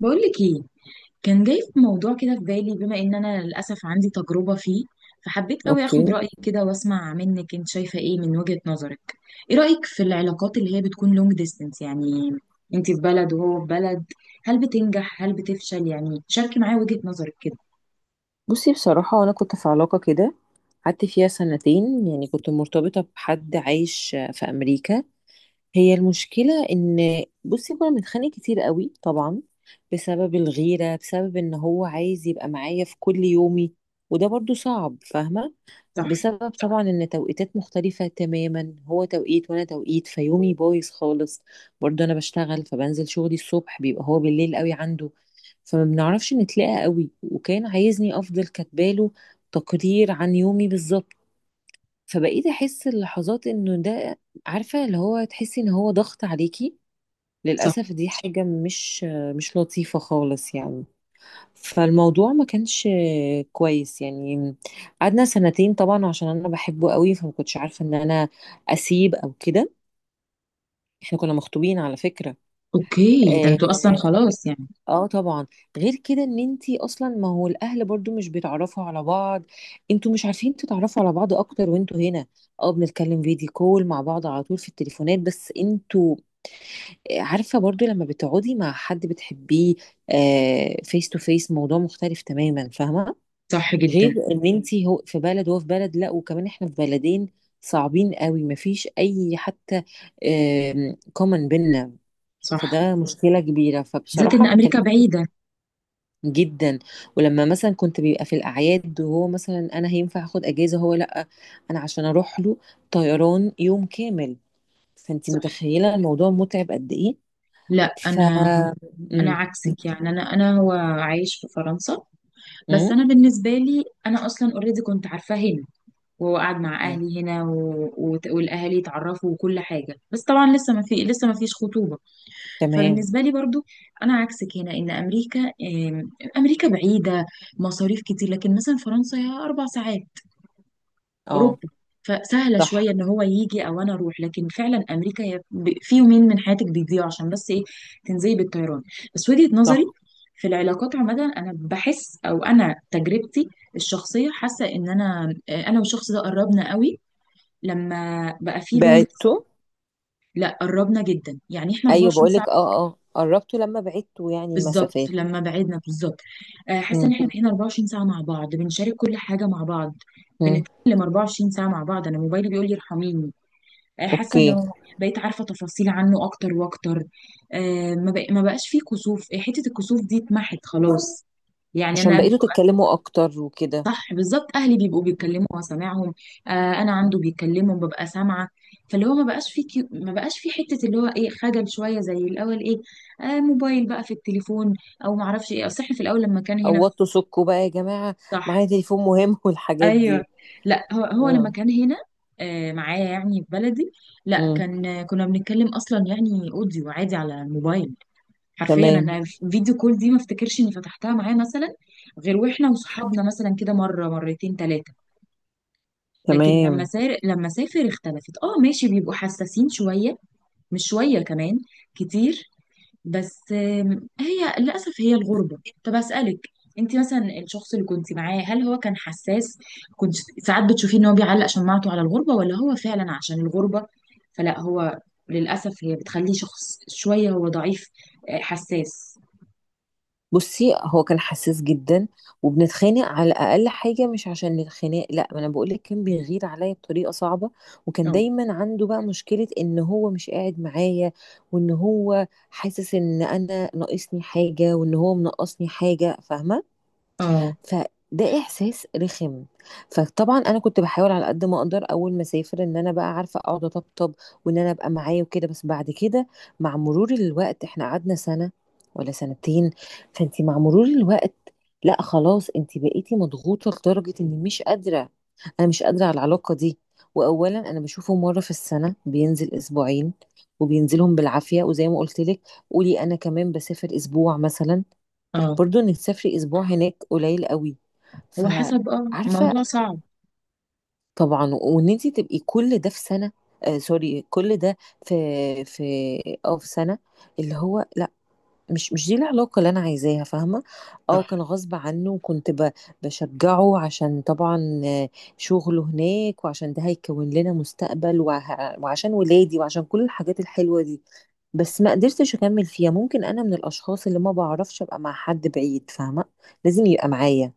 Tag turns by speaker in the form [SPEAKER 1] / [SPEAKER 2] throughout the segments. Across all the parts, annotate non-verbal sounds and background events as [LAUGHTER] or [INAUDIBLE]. [SPEAKER 1] بقولك ايه؟ كان جاي في موضوع كده في بالي، بما ان انا للاسف عندي تجربة فيه. فحبيت قوي اخد
[SPEAKER 2] اوكي.
[SPEAKER 1] رأيك كده واسمع منك انت شايفة ايه من وجهة نظرك. ايه رأيك في العلاقات اللي هي بتكون لونج ديستانس؟ يعني انت في بلد وهو في بلد. هل بتنجح؟ هل بتفشل؟ يعني شاركي معايا وجهة نظرك كده.
[SPEAKER 2] بصي، بصراحة انا كنت في علاقة كده، قعدت فيها سنتين، يعني كنت مرتبطة بحد عايش في امريكا. هي المشكلة ان بصي كنا بنتخانق كتير قوي طبعا، بسبب الغيرة، بسبب ان هو عايز يبقى معايا في كل يومي، وده برضو صعب، فاهمة؟
[SPEAKER 1] صح.
[SPEAKER 2] بسبب طبعا ان توقيتات مختلفة تماما، هو توقيت وانا توقيت، فيومي بايظ خالص. برضه انا بشتغل، فبنزل شغلي الصبح، بيبقى هو بالليل قوي عنده، فما بنعرفش نتلاقى قوي، وكان عايزني افضل كاتباله تقرير عن يومي بالظبط. فبقيت احس اللحظات انه ده، عارفة اللي هو تحسي ان هو ضغط عليكي،
[SPEAKER 1] صح.
[SPEAKER 2] للأسف دي حاجة مش لطيفة خالص يعني. فالموضوع ما كانش كويس يعني. قعدنا سنتين طبعا عشان انا بحبه قوي، فما كنتش عارفه ان انا اسيب او كده. احنا كنا مخطوبين على فكره.
[SPEAKER 1] اوكي، وده انتوا اصلا
[SPEAKER 2] اه.
[SPEAKER 1] خلاص يعني؟
[SPEAKER 2] آه طبعا. غير كده ان انتي اصلا، ما هو الاهل برضو مش بيتعرفوا على بعض، انتوا مش عارفين تتعرفوا على بعض اكتر وانتوا هنا. اه، بنتكلم فيديو كول مع بعض على طول في التليفونات، بس انتوا، عارفه برضو لما بتقعدي مع حد بتحبيه فيس تو فيس موضوع مختلف تماما، فاهمه؟
[SPEAKER 1] صح جدا.
[SPEAKER 2] غير ان انت هو في بلد وهو في بلد، لا وكمان احنا في بلدين صعبين قوي، مفيش اي حتى كومن بينا.
[SPEAKER 1] صح،
[SPEAKER 2] فده مشكله كبيره،
[SPEAKER 1] بالذات
[SPEAKER 2] فبصراحه
[SPEAKER 1] ان
[SPEAKER 2] ما كان.
[SPEAKER 1] امريكا بعيدة.
[SPEAKER 2] جدا. ولما مثلا كنت بيبقى في الاعياد، وهو مثلا انا هينفع اخد اجازه هو لا، انا عشان اروح له طيران يوم كامل، فانت
[SPEAKER 1] صح.
[SPEAKER 2] متخيله الموضوع متعب قد ايه.
[SPEAKER 1] لا
[SPEAKER 2] ف
[SPEAKER 1] انا
[SPEAKER 2] امم
[SPEAKER 1] عكسك، يعني انا هو عايش في فرنسا. بس
[SPEAKER 2] امم
[SPEAKER 1] انا بالنسبه لي انا اصلا اوريدي كنت عارفاه هنا، وقعد مع اهلي هنا والاهالي اتعرفوا وكل حاجه، بس طبعا لسه ما فيش خطوبه.
[SPEAKER 2] تمام.
[SPEAKER 1] فبالنسبه لي برضو انا عكسك هنا، ان امريكا امريكا بعيده، مصاريف كتير. لكن مثلا فرنسا هي 4 ساعات،
[SPEAKER 2] اه،
[SPEAKER 1] اوروبا، فسهله
[SPEAKER 2] صح،
[SPEAKER 1] شويه ان هو يجي او انا اروح. لكن فعلا امريكا هي في يومين من حياتك بيضيعوا عشان بس ايه، تنزلي بالطيران. بس وجهه نظري
[SPEAKER 2] صح.
[SPEAKER 1] في العلاقات عامه انا بحس، او انا تجربتي الشخصيه حاسه ان انا والشخص ده قربنا قوي لما بقى في لونج.
[SPEAKER 2] بعته.
[SPEAKER 1] لا قربنا جدا، يعني احنا
[SPEAKER 2] ايوه
[SPEAKER 1] 24
[SPEAKER 2] بقولك،
[SPEAKER 1] ساعه.
[SPEAKER 2] اه اه، قربتوا لما بعدتوا يعني
[SPEAKER 1] بالظبط
[SPEAKER 2] المسافات.
[SPEAKER 1] لما بعدنا بالظبط. حاسه ان
[SPEAKER 2] مم.
[SPEAKER 1] احنا بقينا 24 ساعه مع بعض، بنشارك كل حاجه مع بعض،
[SPEAKER 2] مم.
[SPEAKER 1] بنتكلم 24 ساعه مع بعض. انا موبايلي بيقول لي ارحميني. حاسه
[SPEAKER 2] اوكي.
[SPEAKER 1] انه بقيت عارفه تفاصيل عنه اكتر واكتر. ما بقاش فيه كسوف. حته الكسوف دي اتمحت خلاص. يعني
[SPEAKER 2] عشان
[SPEAKER 1] انا
[SPEAKER 2] بقيتوا
[SPEAKER 1] ببقى-.
[SPEAKER 2] تتكلموا اكتر وكده.
[SPEAKER 1] صح، بالظبط. اهلي بيبقوا
[SPEAKER 2] مم.
[SPEAKER 1] بيتكلموا وسامعهم. انا عنده بيتكلموا ببقى سامعه. فاللي هو ما بقاش في حته اللي هو ايه، خجل شويه زي الاول، ايه، موبايل بقى في التليفون. او ما اعرفش ايه، اصل احنا في الاول لما كان هنا
[SPEAKER 2] قوضتوا سكوا بقى يا جماعة!
[SPEAKER 1] صح.
[SPEAKER 2] معايا تليفون مهم [LAUGHS] والحاجات
[SPEAKER 1] ايوه.
[SPEAKER 2] دي.
[SPEAKER 1] لا، هو لما
[SPEAKER 2] اه.
[SPEAKER 1] كان هنا، معايا يعني في بلدي. لا
[SPEAKER 2] مم.
[SPEAKER 1] كان، كنا بنتكلم اصلا يعني اوديو عادي على الموبايل حرفيا.
[SPEAKER 2] تمام.
[SPEAKER 1] انا فيديو كول دي ما افتكرش اني فتحتها معاه مثلا، غير واحنا وصحابنا مثلا كده مره مرتين ثلاثه. لكن
[SPEAKER 2] تمام.
[SPEAKER 1] لما سافر اختلفت. اه ماشي، بيبقوا حساسين شويه، مش شويه كمان، كتير. بس هي للأسف هي الغربة. طب أسألك، انت مثلا الشخص اللي كنت معاه، هل هو كان حساس؟ كنت ساعات بتشوفيه ان هو بيعلق شماعته على الغربة، ولا هو فعلا عشان الغربة؟ فلا، هو للأسف هي بتخليه شخص شوية هو ضعيف، حساس.
[SPEAKER 2] بصي، هو كان حساس جدا، وبنتخانق على اقل حاجه، مش عشان الخناق لا، ما انا بقول لك كان بيغير عليا بطريقه صعبه. وكان
[SPEAKER 1] اه.
[SPEAKER 2] دايما عنده بقى مشكله ان هو مش قاعد معايا. وان هو حاسس ان انا ناقصني حاجه، وان هو منقصني حاجه، فاهمه؟
[SPEAKER 1] اه.
[SPEAKER 2] فده احساس رخم. فطبعا انا كنت بحاول على قد ما اقدر، اول ما اسافر ان انا بقى عارفه اقعد اطبطب، وان انا ابقى معاه وكده. بس بعد كده مع مرور الوقت، احنا قعدنا سنه ولا سنتين، فانت مع مرور الوقت، لا خلاص انت بقيتي مضغوطه لدرجه اني مش قادره. انا مش قادره على العلاقه دي. واولا انا بشوفه مره في السنه، بينزل اسبوعين، وبينزلهم بالعافيه، وزي ما قلت لك قولي انا كمان بسافر اسبوع مثلا،
[SPEAKER 1] اه.
[SPEAKER 2] برضو انك تسافري اسبوع هناك قليل قوي،
[SPEAKER 1] هو حسب،
[SPEAKER 2] فعارفه.
[SPEAKER 1] موضوع صعب.
[SPEAKER 2] طبعا، وان انت تبقي كل ده في سنه. سوري، كل ده في في اه في سنه، اللي هو لا، مش دي العلاقه اللي انا عايزاها، فاهمه؟ اه،
[SPEAKER 1] صح.
[SPEAKER 2] كان غصب عنه، وكنت بشجعه عشان طبعا شغله هناك، وعشان ده هيكون لنا مستقبل وعشان ولادي وعشان كل الحاجات الحلوه دي. بس ما قدرتش اكمل فيها، ممكن انا من الاشخاص اللي ما بعرفش ابقى مع حد بعيد، فاهمه؟ لازم يبقى معايا،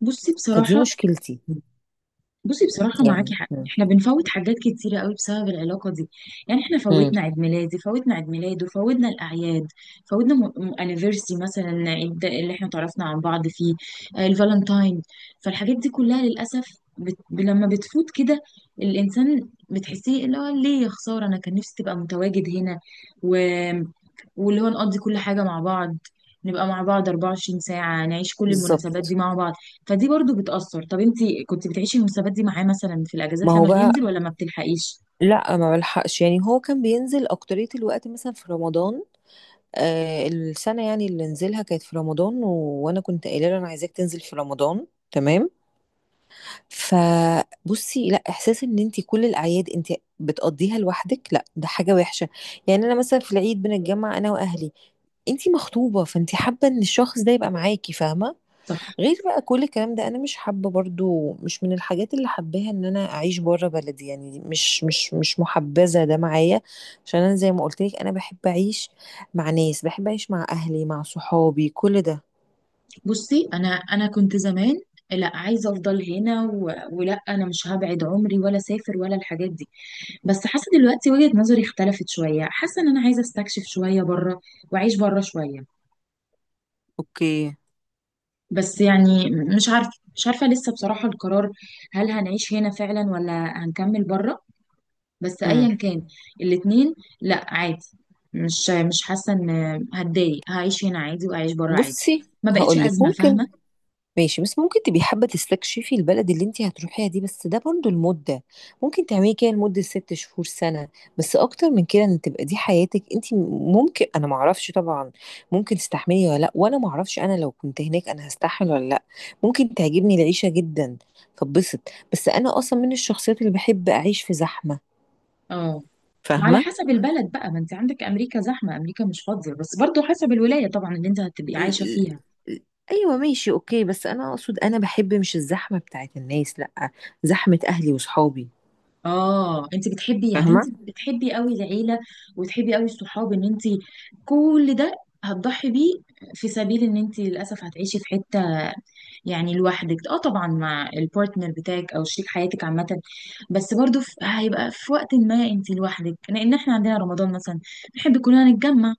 [SPEAKER 1] بصي
[SPEAKER 2] فدي
[SPEAKER 1] بصراحة.
[SPEAKER 2] مشكلتي.
[SPEAKER 1] معاكي
[SPEAKER 2] يعني.
[SPEAKER 1] حق، احنا بنفوت حاجات كتيرة قوي بسبب العلاقة دي. يعني احنا
[SPEAKER 2] مم.
[SPEAKER 1] فوتنا عيد ميلادي، فوتنا عيد ميلاده، فوتنا الأعياد، فوتنا انيفرسي مثلا، عيد اللي احنا تعرفنا عن بعض فيه، الفالنتاين. فالحاجات دي كلها للأسف لما بتفوت كده الإنسان بتحسيه اللي هو، ليه يا خسارة، أنا كان نفسي تبقى متواجد هنا، و... واللي هو نقضي كل حاجة مع بعض، نبقى مع بعض 24 ساعة، نعيش كل المناسبات دي
[SPEAKER 2] بالظبط.
[SPEAKER 1] مع بعض. فدي برضو بتأثر. طب انتي كنت بتعيشي المناسبات دي معاه مثلا في
[SPEAKER 2] ما
[SPEAKER 1] الأجازات
[SPEAKER 2] هو
[SPEAKER 1] لما
[SPEAKER 2] بقى،
[SPEAKER 1] بينزل، ولا ما بتلحقيش؟
[SPEAKER 2] لا ما بلحقش، يعني هو كان بينزل اكترية الوقت مثلا في رمضان، السنة يعني اللي نزلها كانت في رمضان وانا كنت قايله له انا عايزاك تنزل في رمضان، تمام. فبصي لا، احساس ان انت كل الاعياد انت بتقضيها لوحدك، لا ده حاجة وحشة. يعني انا مثلا في العيد بنتجمع انا واهلي، انت مخطوبة فانت حابة ان الشخص ده يبقى معاكي، فاهمة؟
[SPEAKER 1] صح.
[SPEAKER 2] غير بقى كل الكلام ده انا مش حابه، برضو مش من الحاجات اللي حباها ان انا اعيش بره بلدي، يعني دي مش محبذه ده معايا. عشان انا زي ما قلت لك، انا بحب اعيش مع ناس، بحب اعيش مع اهلي مع صحابي كل ده.
[SPEAKER 1] بصي، انا كنت زمان لا، عايزه افضل هنا ولا انا مش هبعد عمري ولا اسافر ولا الحاجات دي. بس حاسه دلوقتي وجهه نظري اختلفت شويه، حاسه ان انا عايزه استكشف شويه بره واعيش بره شويه.
[SPEAKER 2] اوكي.
[SPEAKER 1] بس يعني مش عارفه، مش عارفه لسه بصراحه القرار، هل هنعيش هنا فعلا ولا هنكمل بره؟ بس
[SPEAKER 2] امم.
[SPEAKER 1] ايا كان الاتنين، لا عادي، مش حاسه ان هتضايق، هعيش هنا عادي وهعيش بره عادي.
[SPEAKER 2] بصي،
[SPEAKER 1] ما بقتش
[SPEAKER 2] هقول لك،
[SPEAKER 1] ازمه
[SPEAKER 2] ممكن
[SPEAKER 1] فاهمه.
[SPEAKER 2] ماشي بس ممكن تبقي حابة تستكشفي البلد اللي انت هتروحيها دي، بس ده برضو المدة ممكن تعملي كده لمدة 6 شهور سنة. بس اكتر من كده ان تبقى دي حياتك انت، ممكن، انا معرفش طبعا، ممكن تستحملي ولا لا، وانا معرفش انا لو كنت هناك انا هستحمل ولا لا، ممكن تعجبني العيشة جدا. فبسط. بس انا اصلا من الشخصيات اللي بحب اعيش في زحمة،
[SPEAKER 1] اه، على
[SPEAKER 2] فاهمة؟
[SPEAKER 1] حسب البلد بقى. ما انت عندك امريكا زحمه، امريكا مش فاضيه، بس برضو حسب الولايه طبعا اللي انت هتبقي عايشه
[SPEAKER 2] ال-
[SPEAKER 1] فيها.
[SPEAKER 2] ال- ايوه ماشي اوكي، بس انا اقصد انا بحب مش الزحمة بتاعت الناس لا، زحمة اهلي وصحابي،
[SPEAKER 1] اه، انت
[SPEAKER 2] فاهمة؟
[SPEAKER 1] بتحبي قوي العيله، وتحبي قوي الصحاب. ان انت كل ده هتضحي بيه، في سبيل ان انت للاسف هتعيشي في حته يعني لوحدك. اه طبعا مع البارتنر بتاعك او شريك حياتك عامه، بس برضو هيبقى في وقت ما انت لوحدك، لان احنا عندنا رمضان مثلا، بنحب كلنا نتجمع.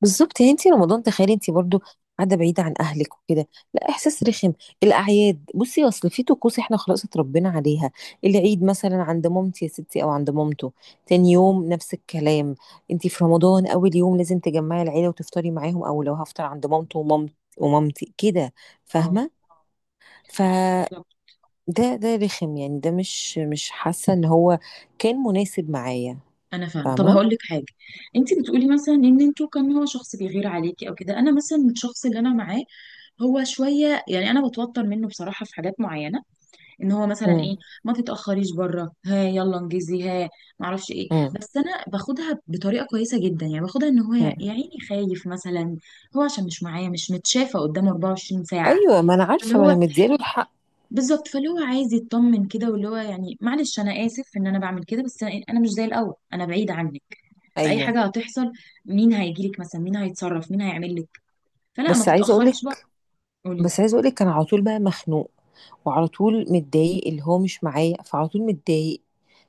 [SPEAKER 2] بالظبط، يعني انت رمضان تخيلي انت برضو قاعده بعيده عن اهلك وكده، لا احساس رخم. الاعياد بصي، اصل في طقوس احنا خلاص اتربينا عليها، العيد مثلا عند مامتي يا ستي او عند مامته، تاني يوم نفس الكلام، انت في رمضان اول يوم لازم تجمعي العيله وتفطري معاهم، او لو هفطر عند مامته ومامت ومامتي كده،
[SPEAKER 1] اه،
[SPEAKER 2] فاهمه؟ فده،
[SPEAKER 1] بالظبط.
[SPEAKER 2] ده رخم يعني، ده مش حاسه ان هو كان مناسب معايا،
[SPEAKER 1] انا فاهمه. طب
[SPEAKER 2] فاهمه؟
[SPEAKER 1] هقول لك حاجه، انت بتقولي مثلا ان انتوا كان هو شخص بيغير عليكي او كده. انا مثلا الشخص اللي انا معاه هو شويه، يعني انا بتوتر منه بصراحه في حاجات معينه. ان هو مثلا
[SPEAKER 2] امم
[SPEAKER 1] ايه، ما تتاخريش بره، ها يلا انجزي، ها ما اعرفش ايه،
[SPEAKER 2] امم
[SPEAKER 1] بس انا باخدها بطريقه كويسه جدا، يعني باخدها ان هو يا
[SPEAKER 2] امم.
[SPEAKER 1] يا عيني خايف مثلا، هو عشان مش معايا، مش متشافه قدامه 24 ساعه،
[SPEAKER 2] ايوه، ما انا
[SPEAKER 1] اللي
[SPEAKER 2] عارفه ما انا
[SPEAKER 1] هو
[SPEAKER 2] مدياله الحق.
[SPEAKER 1] بالظبط. فاللي هو عايز يطمن كده، واللي هو يعني معلش انا اسف ان انا بعمل كده، بس انا أنا مش زي الاول، انا بعيد عنك، فاي
[SPEAKER 2] ايوه.
[SPEAKER 1] حاجه هتحصل، مين هيجيلك مثلا، مين هيتصرف، مين هيعمل لك، فلا ما
[SPEAKER 2] بس عايزه اقول
[SPEAKER 1] تتاخريش بره.
[SPEAKER 2] لك
[SPEAKER 1] قولي.
[SPEAKER 2] بس عايزه اقول لك كان على طول بقى مخنوق، وعلى طول متضايق اللي هو مش معايا، فعلى طول متضايق.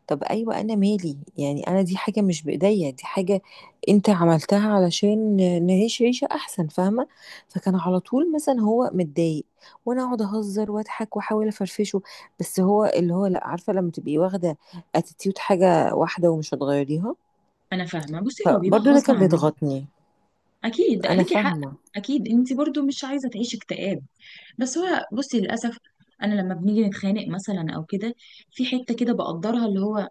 [SPEAKER 2] طب ايوه انا مالي، يعني انا دي حاجه مش بايديا، دي حاجه انت عملتها علشان نعيش عيشه احسن، فاهمه؟ فكان على طول مثلا هو متضايق، وانا اقعد اهزر واضحك واحاول افرفشه، بس هو اللي هو لا، عارفه لما تبقي واخده اتيتيود حاجه واحده ومش هتغيريها،
[SPEAKER 1] انا فاهمه. بصي، هو بيبقى
[SPEAKER 2] فبرضه ده
[SPEAKER 1] غصب
[SPEAKER 2] كان
[SPEAKER 1] عنهم،
[SPEAKER 2] بيضغطني.
[SPEAKER 1] اكيد
[SPEAKER 2] انا
[SPEAKER 1] ليكي حق،
[SPEAKER 2] فاهمه
[SPEAKER 1] اكيد انت برضو مش عايزه تعيشي اكتئاب. بس هو بصي للاسف، انا لما بنيجي نتخانق مثلا او كده، في حته كده بقدرها اللي هو،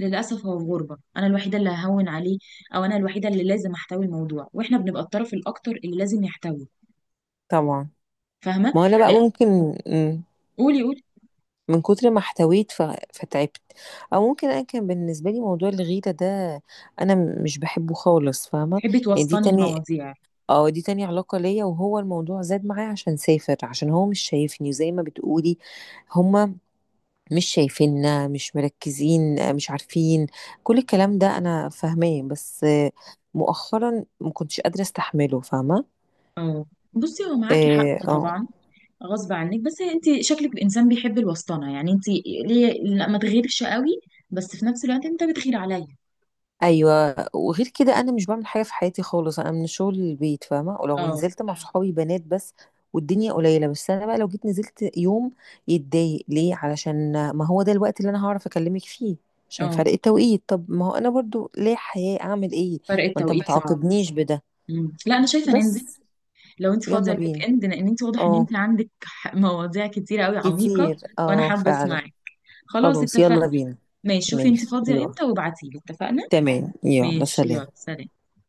[SPEAKER 1] للاسف هو في غربه، انا الوحيده اللي ههون عليه، او انا الوحيده اللي لازم احتوي الموضوع، واحنا بنبقى الطرف الاكتر اللي لازم يحتوي،
[SPEAKER 2] طبعا،
[SPEAKER 1] فاهمه.
[SPEAKER 2] ما انا بقى
[SPEAKER 1] لا.
[SPEAKER 2] ممكن. مم.
[SPEAKER 1] قولي. قولي،
[SPEAKER 2] من كتر ما احتويت فتعبت. او ممكن انا كان بالنسبه لي موضوع الغيره ده، انا مش بحبه خالص فاهمه.
[SPEAKER 1] تحبي
[SPEAKER 2] يعني دي
[SPEAKER 1] توسطني
[SPEAKER 2] تاني،
[SPEAKER 1] المواضيع؟
[SPEAKER 2] اه دي تاني علاقه ليا، وهو الموضوع زاد معايا عشان سافر، عشان هو مش شايفني، وزي ما بتقولي هما مش شايفيننا مش مركزين مش عارفين، كل الكلام ده انا فاهماه، بس مؤخرا ما كنتش قادره استحمله، فاهمه؟
[SPEAKER 1] اه. بصي، هو معاكي حق
[SPEAKER 2] اه.
[SPEAKER 1] طبعا، غصب عنك، بس انت شكلك انسان بيحب الوسطنه، يعني انت ليه لا ما تغيرش قوي، بس في نفس الوقت انت بتغير عليا.
[SPEAKER 2] ايوه، وغير كده انا مش بعمل حاجه في حياتي خالص، انا من الشغل للبيت فاهمه، ولو
[SPEAKER 1] اه.
[SPEAKER 2] نزلت مع صحابي بنات بس والدنيا قليله، بس انا بقى لو جيت نزلت يوم يتضايق ليه، علشان ما هو ده الوقت اللي انا هعرف اكلمك فيه عشان
[SPEAKER 1] اه،
[SPEAKER 2] فرق التوقيت، طب ما هو انا برضو ليه حياه، اعمل ايه؟
[SPEAKER 1] فرق
[SPEAKER 2] ما انت ما أيوة.
[SPEAKER 1] التوقيت صعب.
[SPEAKER 2] تعاقبنيش بده.
[SPEAKER 1] مم. لا انا شايفه ننزل
[SPEAKER 2] بس.
[SPEAKER 1] لو انت فاضيه
[SPEAKER 2] يلا
[SPEAKER 1] الويك
[SPEAKER 2] بينا.
[SPEAKER 1] اند، لان انت واضح ان
[SPEAKER 2] اه.
[SPEAKER 1] انت عندك مواضيع كتير قوي عميقه،
[SPEAKER 2] كتير،
[SPEAKER 1] وانا
[SPEAKER 2] اه
[SPEAKER 1] حابه
[SPEAKER 2] فعلا.
[SPEAKER 1] اسمعك. خلاص
[SPEAKER 2] خلاص
[SPEAKER 1] اتفقنا.
[SPEAKER 2] يلا بينا.
[SPEAKER 1] ماشي، شوفي انت
[SPEAKER 2] ماشي
[SPEAKER 1] فاضيه
[SPEAKER 2] يلا.
[SPEAKER 1] امتى وابعتيلي. اتفقنا.
[SPEAKER 2] تمام، يلا
[SPEAKER 1] ماشي، يلا
[SPEAKER 2] سلام.
[SPEAKER 1] سلام.